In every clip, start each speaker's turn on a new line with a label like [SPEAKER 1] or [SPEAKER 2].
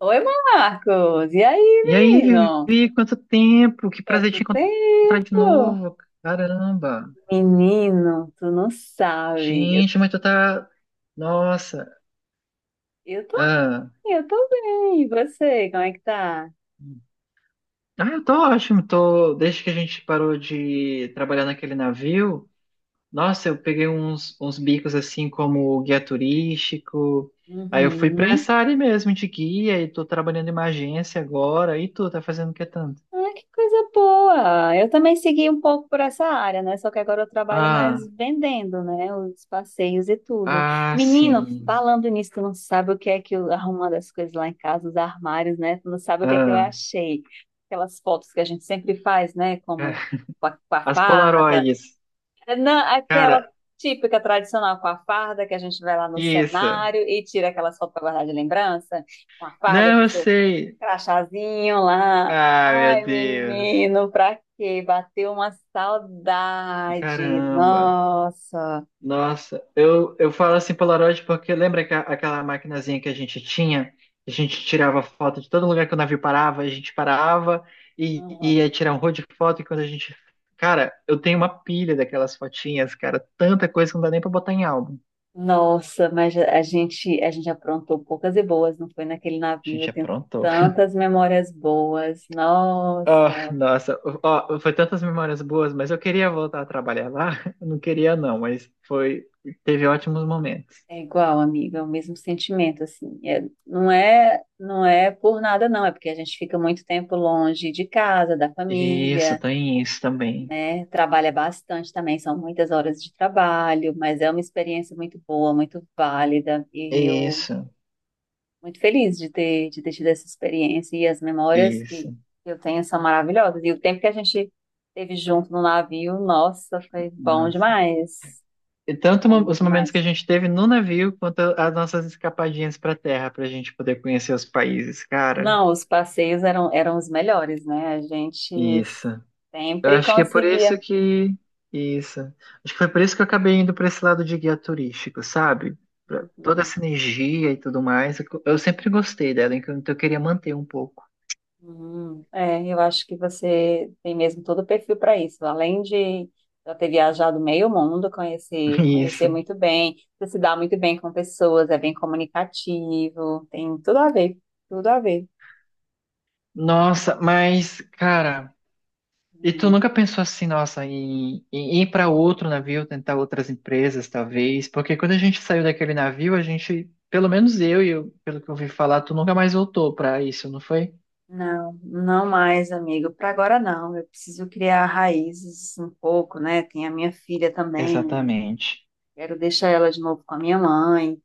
[SPEAKER 1] Oi, Marcos. E aí,
[SPEAKER 2] E aí,
[SPEAKER 1] menino?
[SPEAKER 2] Vivi, quanto tempo? Que prazer
[SPEAKER 1] Quanto
[SPEAKER 2] te encontrar de
[SPEAKER 1] tempo?
[SPEAKER 2] novo. Caramba.
[SPEAKER 1] Menino, tu não sabe.
[SPEAKER 2] Gente, mas tu tá. Nossa.
[SPEAKER 1] Eu tô,
[SPEAKER 2] Ah,
[SPEAKER 1] eu tô bem. E você, como é que tá?
[SPEAKER 2] Eu tô ótimo. Tô... Desde que a gente parou de trabalhar naquele navio, nossa, eu peguei uns bicos assim como guia turístico. Aí eu fui pra
[SPEAKER 1] Uhum.
[SPEAKER 2] essa área mesmo de guia e tô trabalhando em uma agência agora. E tu, tá fazendo o que tanto?
[SPEAKER 1] Ah, que coisa boa! Eu também segui um pouco por essa área, né? Só que agora eu trabalho mais
[SPEAKER 2] Ah,
[SPEAKER 1] vendendo, né? Os passeios e tudo.
[SPEAKER 2] ah,
[SPEAKER 1] Menino,
[SPEAKER 2] sim.
[SPEAKER 1] falando nisso, tu não sabe o que é que eu arrumando as coisas lá em casa, os armários, né? Tu não sabe o que é que eu
[SPEAKER 2] Ah,
[SPEAKER 1] achei. Aquelas fotos que a gente sempre faz, né? Como com a
[SPEAKER 2] as
[SPEAKER 1] farda.
[SPEAKER 2] Polaroids.
[SPEAKER 1] É. Não, aquela
[SPEAKER 2] Cara,
[SPEAKER 1] típica tradicional com a farda que a gente vai lá no
[SPEAKER 2] isso.
[SPEAKER 1] cenário e tira aquelas fotos para guardar de lembrança. Com a farda,
[SPEAKER 2] Não,
[SPEAKER 1] com
[SPEAKER 2] eu
[SPEAKER 1] seu
[SPEAKER 2] sei.
[SPEAKER 1] crachazinho lá.
[SPEAKER 2] Ah, meu
[SPEAKER 1] Ai,
[SPEAKER 2] Deus.
[SPEAKER 1] menino, pra quê? Bateu uma saudade.
[SPEAKER 2] Caramba.
[SPEAKER 1] Nossa.
[SPEAKER 2] Nossa, eu falo assim Polaroid porque lembra aquela maquinazinha que a gente tinha? A gente tirava foto de todo lugar que o navio parava, a gente parava e
[SPEAKER 1] Uhum.
[SPEAKER 2] ia tirar um rolo de foto e quando a gente... Cara, eu tenho uma pilha daquelas fotinhas, cara. Tanta coisa que não dá nem pra botar em álbum.
[SPEAKER 1] Nossa, mas a gente aprontou poucas e boas, não foi naquele
[SPEAKER 2] A
[SPEAKER 1] navio. Eu
[SPEAKER 2] gente
[SPEAKER 1] tenho
[SPEAKER 2] aprontou.
[SPEAKER 1] tantas memórias boas.
[SPEAKER 2] Ah,
[SPEAKER 1] Nossa.
[SPEAKER 2] nossa, ó, foi tantas memórias boas, mas eu queria voltar a trabalhar lá. Eu não queria não, mas foi, teve ótimos momentos.
[SPEAKER 1] É igual, amiga, é o mesmo sentimento, assim. É, não é por nada, não. É porque a gente fica muito tempo longe de casa, da
[SPEAKER 2] Isso,
[SPEAKER 1] família,
[SPEAKER 2] tem isso também.
[SPEAKER 1] né? Trabalha bastante também, são muitas horas de trabalho, mas é uma experiência muito boa, muito válida, e eu
[SPEAKER 2] Isso,
[SPEAKER 1] muito feliz de ter tido essa experiência, e as memórias que
[SPEAKER 2] isso.
[SPEAKER 1] eu tenho são maravilhosas, e o tempo que a gente teve junto no navio, nossa, foi bom
[SPEAKER 2] Nossa.
[SPEAKER 1] demais,
[SPEAKER 2] E tanto
[SPEAKER 1] bom
[SPEAKER 2] os momentos que
[SPEAKER 1] demais.
[SPEAKER 2] a gente teve no navio, quanto as nossas escapadinhas para terra, para a gente poder conhecer os países, cara.
[SPEAKER 1] Não, os passeios eram os melhores, né? A gente
[SPEAKER 2] Isso. Eu
[SPEAKER 1] sempre
[SPEAKER 2] acho que é por isso
[SPEAKER 1] conseguia.
[SPEAKER 2] que. Isso. Acho que foi por isso que eu acabei indo para esse lado de guia turístico, sabe? Pra toda
[SPEAKER 1] Uhum.
[SPEAKER 2] essa energia e tudo mais. Eu sempre gostei dela, então eu queria manter um pouco.
[SPEAKER 1] É, eu acho que você tem mesmo todo o perfil para isso. Além de já ter viajado meio mundo, conhecer, conhecer
[SPEAKER 2] Isso.
[SPEAKER 1] muito bem, você se dá muito bem com pessoas, é bem comunicativo, tem tudo a ver, tudo a ver.
[SPEAKER 2] Nossa, mas, cara, e tu
[SPEAKER 1] Hum.
[SPEAKER 2] nunca pensou assim, nossa, em ir para outro navio, tentar outras empresas, talvez? Porque quando a gente saiu daquele navio, a gente, pelo menos eu, pelo que eu ouvi falar, tu nunca mais voltou para isso, não foi?
[SPEAKER 1] Não, não mais, amigo. Para agora não. Eu preciso criar raízes um pouco, né? Tem a minha filha também. Eu
[SPEAKER 2] Exatamente.
[SPEAKER 1] quero deixar ela de novo com a minha mãe.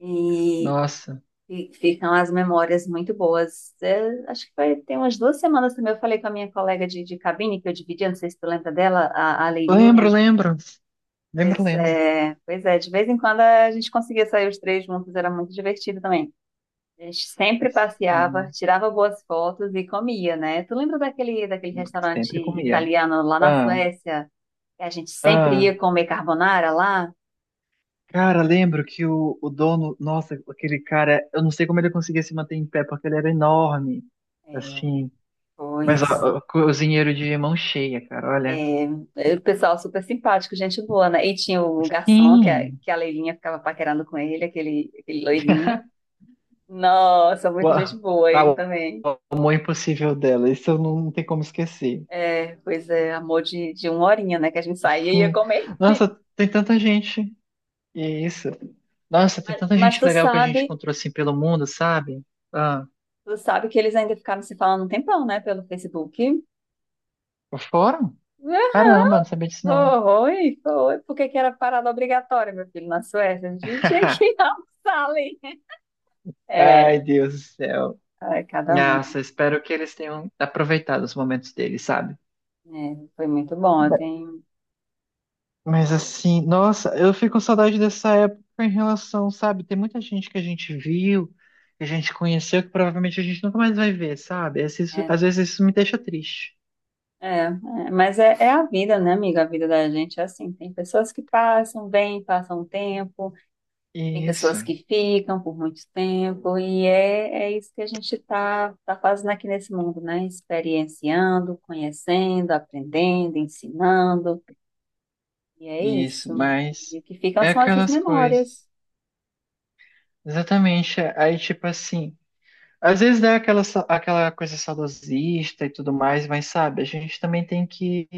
[SPEAKER 1] E
[SPEAKER 2] Nossa.
[SPEAKER 1] E ficam as memórias muito boas. É, acho que vai ter umas duas semanas também. Eu falei com a minha colega de cabine, que eu dividia, não sei se tu lembra dela, a
[SPEAKER 2] Lembro,
[SPEAKER 1] Leilinha.
[SPEAKER 2] lembro. Lembro, lembro.
[SPEAKER 1] Pois é, de vez em quando a gente conseguia sair os três juntos, era muito divertido também. A gente sempre passeava,
[SPEAKER 2] Hum,
[SPEAKER 1] tirava boas fotos e comia, né? Tu lembra daquele restaurante
[SPEAKER 2] Sempre comia.
[SPEAKER 1] italiano lá na
[SPEAKER 2] Ah,
[SPEAKER 1] Suécia? Que a gente sempre
[SPEAKER 2] ah.
[SPEAKER 1] ia comer carbonara lá?
[SPEAKER 2] Cara, lembro que o dono, nossa, aquele cara, eu não sei como ele conseguia se manter em pé, porque ele era enorme,
[SPEAKER 1] É,
[SPEAKER 2] assim. Mas ó,
[SPEAKER 1] pois
[SPEAKER 2] ó, cozinheiro de mão cheia, cara, olha.
[SPEAKER 1] é. O pessoal super simpático, gente boa, né? E tinha o garçom, que a,
[SPEAKER 2] Sim.
[SPEAKER 1] que a Leilinha ficava paquerando com ele, aquele loirinho. Nossa,
[SPEAKER 2] O,
[SPEAKER 1] muita gente
[SPEAKER 2] a-
[SPEAKER 1] boa,
[SPEAKER 2] a-
[SPEAKER 1] ele
[SPEAKER 2] o
[SPEAKER 1] também.
[SPEAKER 2] amor impossível dela, isso eu não, não tem como esquecer.
[SPEAKER 1] É, pois é, amor de uma horinha, né? Que a gente saía e ia
[SPEAKER 2] Sim.
[SPEAKER 1] comer.
[SPEAKER 2] Nossa, tem tanta gente. E é isso. Nossa, tem
[SPEAKER 1] Mas,
[SPEAKER 2] tanta
[SPEAKER 1] mas
[SPEAKER 2] gente
[SPEAKER 1] tu
[SPEAKER 2] legal que a
[SPEAKER 1] sabe,
[SPEAKER 2] gente encontrou assim pelo mundo, sabe? Ah,
[SPEAKER 1] tu sabe que eles ainda ficaram se falando um tempão, né? Pelo Facebook.
[SPEAKER 2] foram
[SPEAKER 1] Ah,
[SPEAKER 2] Caramba, não sabia disso não.
[SPEAKER 1] foi, foi. Por que que era parada obrigatória, meu filho, na Suécia? A gente tinha que almoçar ali. É,
[SPEAKER 2] Ai, Deus do céu.
[SPEAKER 1] ai, cada
[SPEAKER 2] Nossa,
[SPEAKER 1] um.
[SPEAKER 2] espero que eles tenham aproveitado os momentos deles, sabe?
[SPEAKER 1] É, foi muito bom. Eu
[SPEAKER 2] Ma-
[SPEAKER 1] tenho.
[SPEAKER 2] Mas assim, nossa, eu fico com saudade dessa época em relação, sabe? Tem muita gente que a gente viu, que a gente conheceu, que provavelmente a gente nunca mais vai ver, sabe?
[SPEAKER 1] É.
[SPEAKER 2] Às vezes isso me deixa triste.
[SPEAKER 1] É, é, é a vida, né, amiga? A vida da gente é assim. Tem pessoas que passam, vêm, passam um tempo, tem pessoas
[SPEAKER 2] Isso,
[SPEAKER 1] que ficam por muito tempo, e é, é isso que a gente está tá tá fazendo aqui nesse mundo, né? Experienciando, conhecendo, aprendendo, ensinando, e é
[SPEAKER 2] isso,
[SPEAKER 1] isso. E
[SPEAKER 2] mas
[SPEAKER 1] o que ficam
[SPEAKER 2] é
[SPEAKER 1] são essas
[SPEAKER 2] aquelas
[SPEAKER 1] memórias.
[SPEAKER 2] coisas. Exatamente. Aí, tipo assim. Às vezes é aquela, aquela coisa saudosista e tudo mais, mas sabe, a gente também tem que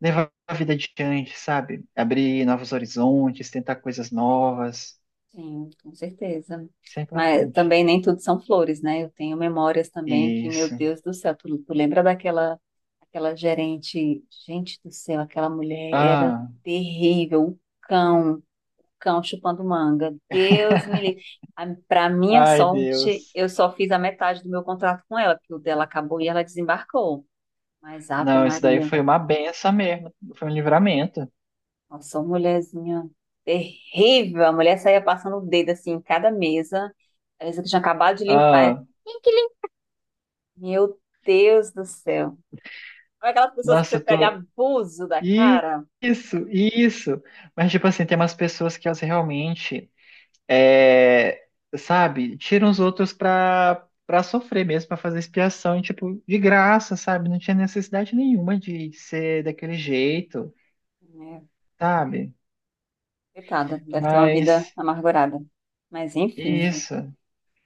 [SPEAKER 2] levar a vida adiante, sabe? Abrir novos horizontes, tentar coisas novas.
[SPEAKER 1] Sim, com certeza.
[SPEAKER 2] Isso é
[SPEAKER 1] Mas
[SPEAKER 2] importante.
[SPEAKER 1] também nem tudo são flores, né? Eu tenho memórias também que, meu
[SPEAKER 2] Isso.
[SPEAKER 1] Deus do céu, tu lembra daquela aquela gerente, gente do céu, aquela mulher era
[SPEAKER 2] Ah,
[SPEAKER 1] terrível, o cão chupando manga. Deus me livre. Pra minha
[SPEAKER 2] ai,
[SPEAKER 1] sorte,
[SPEAKER 2] Deus.
[SPEAKER 1] eu só fiz a metade do meu contrato com ela, porque o dela acabou e ela desembarcou. Mas Ave
[SPEAKER 2] Não, isso daí
[SPEAKER 1] Maria.
[SPEAKER 2] foi uma benção mesmo. Foi um livramento.
[SPEAKER 1] Nossa, uma mulherzinha terrível. A mulher saía passando o dedo assim em cada mesa. A mesa que tinha acabado de limpar.
[SPEAKER 2] Ah,
[SPEAKER 1] Meu Deus do céu. Olha aquelas pessoas que
[SPEAKER 2] nossa,
[SPEAKER 1] você
[SPEAKER 2] eu
[SPEAKER 1] pega
[SPEAKER 2] tô.
[SPEAKER 1] abuso da cara.
[SPEAKER 2] Isso, isso. Mas, tipo assim, tem umas pessoas que elas realmente. É, sabe, tira os outros pra sofrer mesmo, pra fazer expiação, e, tipo, de graça, sabe? Não tinha necessidade nenhuma de ser daquele jeito,
[SPEAKER 1] É,
[SPEAKER 2] sabe?
[SPEAKER 1] coitada, deve ter uma vida
[SPEAKER 2] Mas
[SPEAKER 1] amargurada. Mas enfim, o
[SPEAKER 2] isso,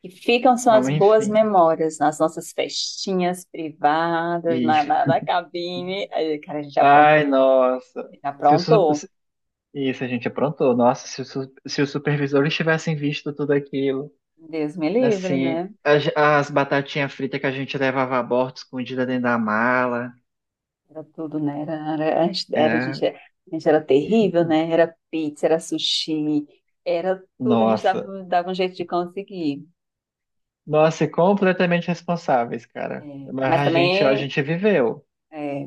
[SPEAKER 1] que ficam são
[SPEAKER 2] ó,
[SPEAKER 1] as boas
[SPEAKER 2] enfim.
[SPEAKER 1] memórias nas nossas festinhas privadas, na, na,
[SPEAKER 2] Isso.
[SPEAKER 1] na cabine. Aí, cara, a gente aprontou,
[SPEAKER 2] Ai, nossa.
[SPEAKER 1] a gente
[SPEAKER 2] Se o su-
[SPEAKER 1] aprontou.
[SPEAKER 2] se- isso a gente aprontou. Nossa, se, se os supervisores tivessem visto tudo aquilo,
[SPEAKER 1] Deus me livre,
[SPEAKER 2] assim,
[SPEAKER 1] né?
[SPEAKER 2] as batatinhas fritas que a gente levava a bordo escondida dentro da mala,
[SPEAKER 1] Era tudo, né? Era, era, a gente era, a
[SPEAKER 2] era.
[SPEAKER 1] gente era, a gente era terrível, né? Era pizza, era sushi, era tudo, a gente
[SPEAKER 2] Nossa.
[SPEAKER 1] dava um jeito de conseguir.
[SPEAKER 2] Nossa, e completamente responsáveis,
[SPEAKER 1] É,
[SPEAKER 2] cara. Mas
[SPEAKER 1] mas
[SPEAKER 2] a gente, ó, a
[SPEAKER 1] também
[SPEAKER 2] gente viveu.
[SPEAKER 1] é,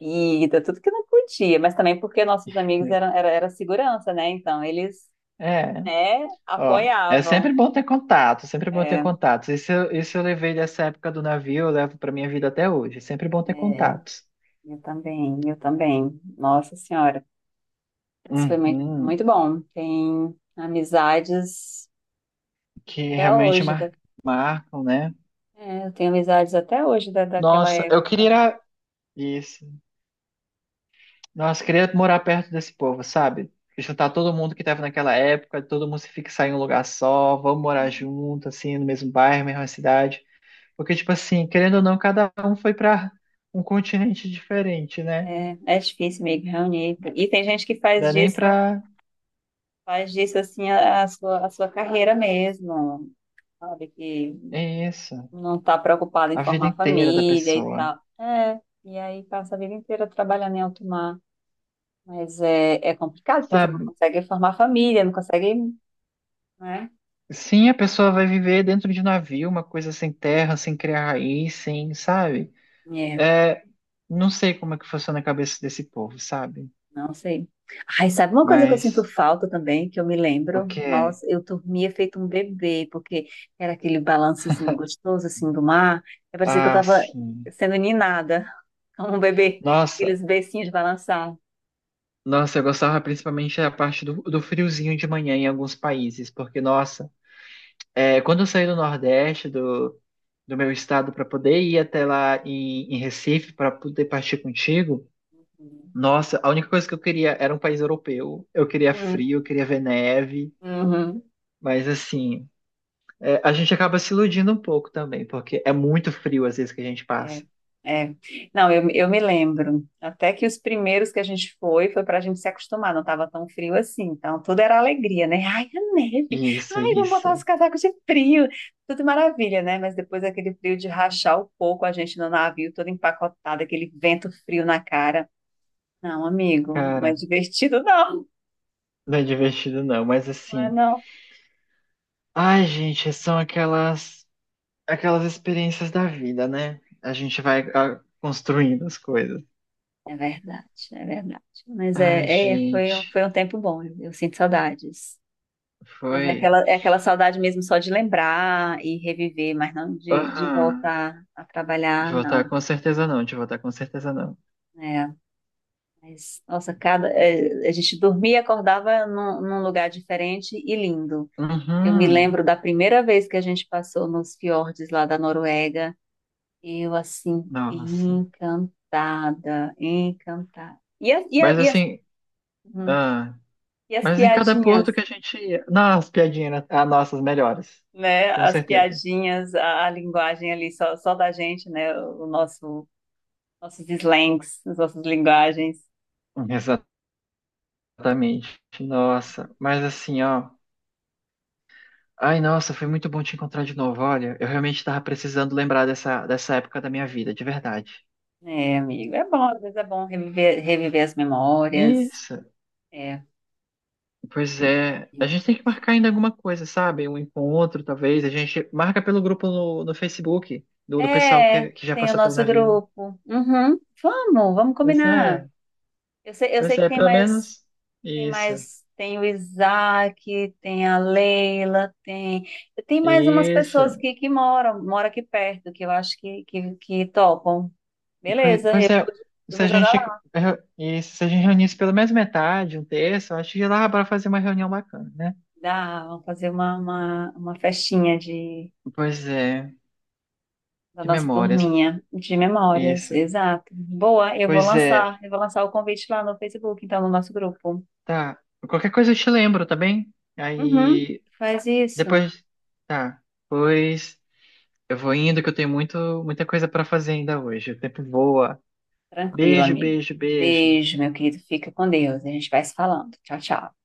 [SPEAKER 1] bebida, tudo que não podia, mas também porque nossos amigos
[SPEAKER 2] Né?
[SPEAKER 1] eram, era, era segurança, né? Então eles,
[SPEAKER 2] É,
[SPEAKER 1] né,
[SPEAKER 2] ó, é
[SPEAKER 1] apoiavam.
[SPEAKER 2] sempre bom ter contato, sempre bom ter
[SPEAKER 1] É,
[SPEAKER 2] contatos. Isso, isso eu levei dessa época do navio, eu levo pra minha vida até hoje. É sempre bom ter
[SPEAKER 1] é,
[SPEAKER 2] contatos.
[SPEAKER 1] eu também, eu também. Nossa Senhora. Mas foi muito, muito
[SPEAKER 2] Uhum,
[SPEAKER 1] bom. Tem amizades
[SPEAKER 2] que
[SPEAKER 1] até
[SPEAKER 2] realmente
[SPEAKER 1] hoje.
[SPEAKER 2] marcam, né?
[SPEAKER 1] É, eu tenho amizades até hoje daquela
[SPEAKER 2] Nossa, eu queria
[SPEAKER 1] época.
[SPEAKER 2] ir a- isso. Nossa, eu queria morar perto desse povo, sabe? Juntar todo mundo que tava naquela época, todo mundo se fixar em um lugar só, vamos morar junto, assim, no mesmo bairro, mesma cidade. Porque, tipo assim, querendo ou não, cada um foi pra um continente diferente, né?
[SPEAKER 1] É, é difícil meio que reunir. E tem gente que
[SPEAKER 2] Dá nem pra.
[SPEAKER 1] faz disso assim a sua carreira mesmo, sabe? Que
[SPEAKER 2] É isso.
[SPEAKER 1] não está preocupada
[SPEAKER 2] A
[SPEAKER 1] em
[SPEAKER 2] vida
[SPEAKER 1] formar
[SPEAKER 2] inteira da
[SPEAKER 1] família e
[SPEAKER 2] pessoa.
[SPEAKER 1] tal. É, e aí passa a vida inteira trabalhando em alto mar. Mas é, é complicado, porque você não
[SPEAKER 2] Sabe?
[SPEAKER 1] consegue formar família, não consegue,
[SPEAKER 2] Sim, a pessoa vai viver dentro de navio, uma coisa sem terra, sem criar raiz, sem, sabe?
[SPEAKER 1] né?
[SPEAKER 2] É, não sei como é que funciona a cabeça desse povo, sabe?
[SPEAKER 1] Não sei. Ai, sabe uma coisa que eu sinto
[SPEAKER 2] Mas
[SPEAKER 1] falta também, que eu me
[SPEAKER 2] o
[SPEAKER 1] lembro?
[SPEAKER 2] que é?
[SPEAKER 1] Nossa, eu dormia feito um bebê, porque era aquele balançozinho gostoso, assim, do mar. E parecia que eu
[SPEAKER 2] Ah,
[SPEAKER 1] tava
[SPEAKER 2] sim.
[SPEAKER 1] sendo ninada como um bebê.
[SPEAKER 2] Nossa,
[SPEAKER 1] Aqueles beicinhos de balançar.
[SPEAKER 2] nossa, eu gostava principalmente da parte do friozinho de manhã em alguns países, porque, nossa, é, quando eu saí do Nordeste, do meu estado para poder ir até lá em Recife para poder partir contigo. Nossa, a única coisa que eu queria era um país europeu. Eu queria
[SPEAKER 1] Hum,
[SPEAKER 2] frio, eu queria ver neve,
[SPEAKER 1] uhum.
[SPEAKER 2] mas assim, é, a gente acaba se iludindo um pouco também, porque é muito frio às vezes que a gente
[SPEAKER 1] É,
[SPEAKER 2] passa.
[SPEAKER 1] é. Não, eu me lembro. Até que os primeiros que a gente foi, foi para a gente se acostumar, não estava tão frio assim. Então, tudo era alegria, né? Ai, a neve!
[SPEAKER 2] Isso,
[SPEAKER 1] Ai, vamos botar os
[SPEAKER 2] isso.
[SPEAKER 1] casacos de frio! Tudo maravilha, né? Mas depois aquele frio de rachar o coco, a gente no navio, todo empacotado, aquele vento frio na cara. Não, amigo, não é
[SPEAKER 2] Cara,
[SPEAKER 1] divertido, não.
[SPEAKER 2] não é divertido não, mas
[SPEAKER 1] Não é,
[SPEAKER 2] assim,
[SPEAKER 1] não.
[SPEAKER 2] ai, gente, são aquelas experiências da vida, né? A gente vai ah, construindo as coisas.
[SPEAKER 1] É verdade, é verdade. Mas
[SPEAKER 2] Ai,
[SPEAKER 1] é, é, foi, um-
[SPEAKER 2] gente,
[SPEAKER 1] foi um tempo bom, eu sinto saudades. Mas
[SPEAKER 2] foi.
[SPEAKER 1] é aquela saudade mesmo só de lembrar e reviver, mas não de
[SPEAKER 2] Aham.
[SPEAKER 1] voltar a
[SPEAKER 2] De
[SPEAKER 1] trabalhar,
[SPEAKER 2] votar
[SPEAKER 1] não.
[SPEAKER 2] com certeza não, de votar com certeza não.
[SPEAKER 1] É, mas, nossa, cada, é, a gente dormia e acordava num lugar diferente e lindo. Eu me
[SPEAKER 2] Uhum.
[SPEAKER 1] lembro da primeira vez que a gente passou nos fiordes lá da Noruega, eu assim,
[SPEAKER 2] Nossa.
[SPEAKER 1] encantada, encantada.
[SPEAKER 2] Mas assim,
[SPEAKER 1] Uhum.
[SPEAKER 2] ah,
[SPEAKER 1] E as
[SPEAKER 2] mas em cada
[SPEAKER 1] piadinhas?
[SPEAKER 2] porto que a gente ia. Nossa, piadinha, né? Ah, nossas melhores.
[SPEAKER 1] Né,
[SPEAKER 2] Com
[SPEAKER 1] as
[SPEAKER 2] certeza.
[SPEAKER 1] piadinhas, a linguagem ali só, só da gente, né, o nosso nossos slangs, as nossas linguagens.
[SPEAKER 2] Exatamente. Nossa. Mas assim, ó. Ai, nossa, foi muito bom te encontrar de novo. Olha, eu realmente tava precisando lembrar dessa época da minha vida, de verdade.
[SPEAKER 1] É, amigo, é bom, às vezes é bom reviver, reviver as memórias.
[SPEAKER 2] Isso.
[SPEAKER 1] É.
[SPEAKER 2] Pois é, a gente tem que marcar ainda alguma coisa, sabe? Um encontro, talvez. A gente marca pelo grupo no Facebook do pessoal
[SPEAKER 1] É,
[SPEAKER 2] que já
[SPEAKER 1] tem o
[SPEAKER 2] passou pelo
[SPEAKER 1] nosso
[SPEAKER 2] navio.
[SPEAKER 1] grupo. Uhum. Vamos, vamos
[SPEAKER 2] Pois
[SPEAKER 1] combinar.
[SPEAKER 2] é,
[SPEAKER 1] Eu
[SPEAKER 2] pois
[SPEAKER 1] sei que
[SPEAKER 2] é,
[SPEAKER 1] tem
[SPEAKER 2] pelo
[SPEAKER 1] mais,
[SPEAKER 2] menos
[SPEAKER 1] tem
[SPEAKER 2] isso,
[SPEAKER 1] mais, tem o Isaac, tem a Leila, tem, tem mais umas pessoas
[SPEAKER 2] isso.
[SPEAKER 1] que moram aqui perto, que eu acho que topam. Beleza, eu
[SPEAKER 2] Pois é,
[SPEAKER 1] vou, eu
[SPEAKER 2] se
[SPEAKER 1] vou
[SPEAKER 2] a
[SPEAKER 1] jogar
[SPEAKER 2] gente,
[SPEAKER 1] lá.
[SPEAKER 2] eh, isso, se a gente reunisse pelo menos metade, um terço, acho que lá para fazer uma reunião bacana, né?
[SPEAKER 1] Dá, vamos fazer uma festinha de
[SPEAKER 2] Pois é,
[SPEAKER 1] da
[SPEAKER 2] que
[SPEAKER 1] nossa
[SPEAKER 2] memórias.
[SPEAKER 1] turminha de memórias,
[SPEAKER 2] Isso.
[SPEAKER 1] exato. Boa, eu vou
[SPEAKER 2] Pois é,
[SPEAKER 1] lançar, eu vou lançar o convite lá no Facebook, então, no nosso grupo.
[SPEAKER 2] tá. Qualquer coisa eu te lembro, tá bem?
[SPEAKER 1] Uhum,
[SPEAKER 2] Aí,
[SPEAKER 1] faz isso.
[SPEAKER 2] depois, tá. Pois. Eu vou indo que eu tenho muito, muita coisa para fazer ainda hoje. O tempo voa.
[SPEAKER 1] Tranquilo,
[SPEAKER 2] Beijo,
[SPEAKER 1] amigo.
[SPEAKER 2] beijo, beijo.
[SPEAKER 1] Beijo, meu querido. Fica com Deus. A gente vai se falando. Tchau, tchau.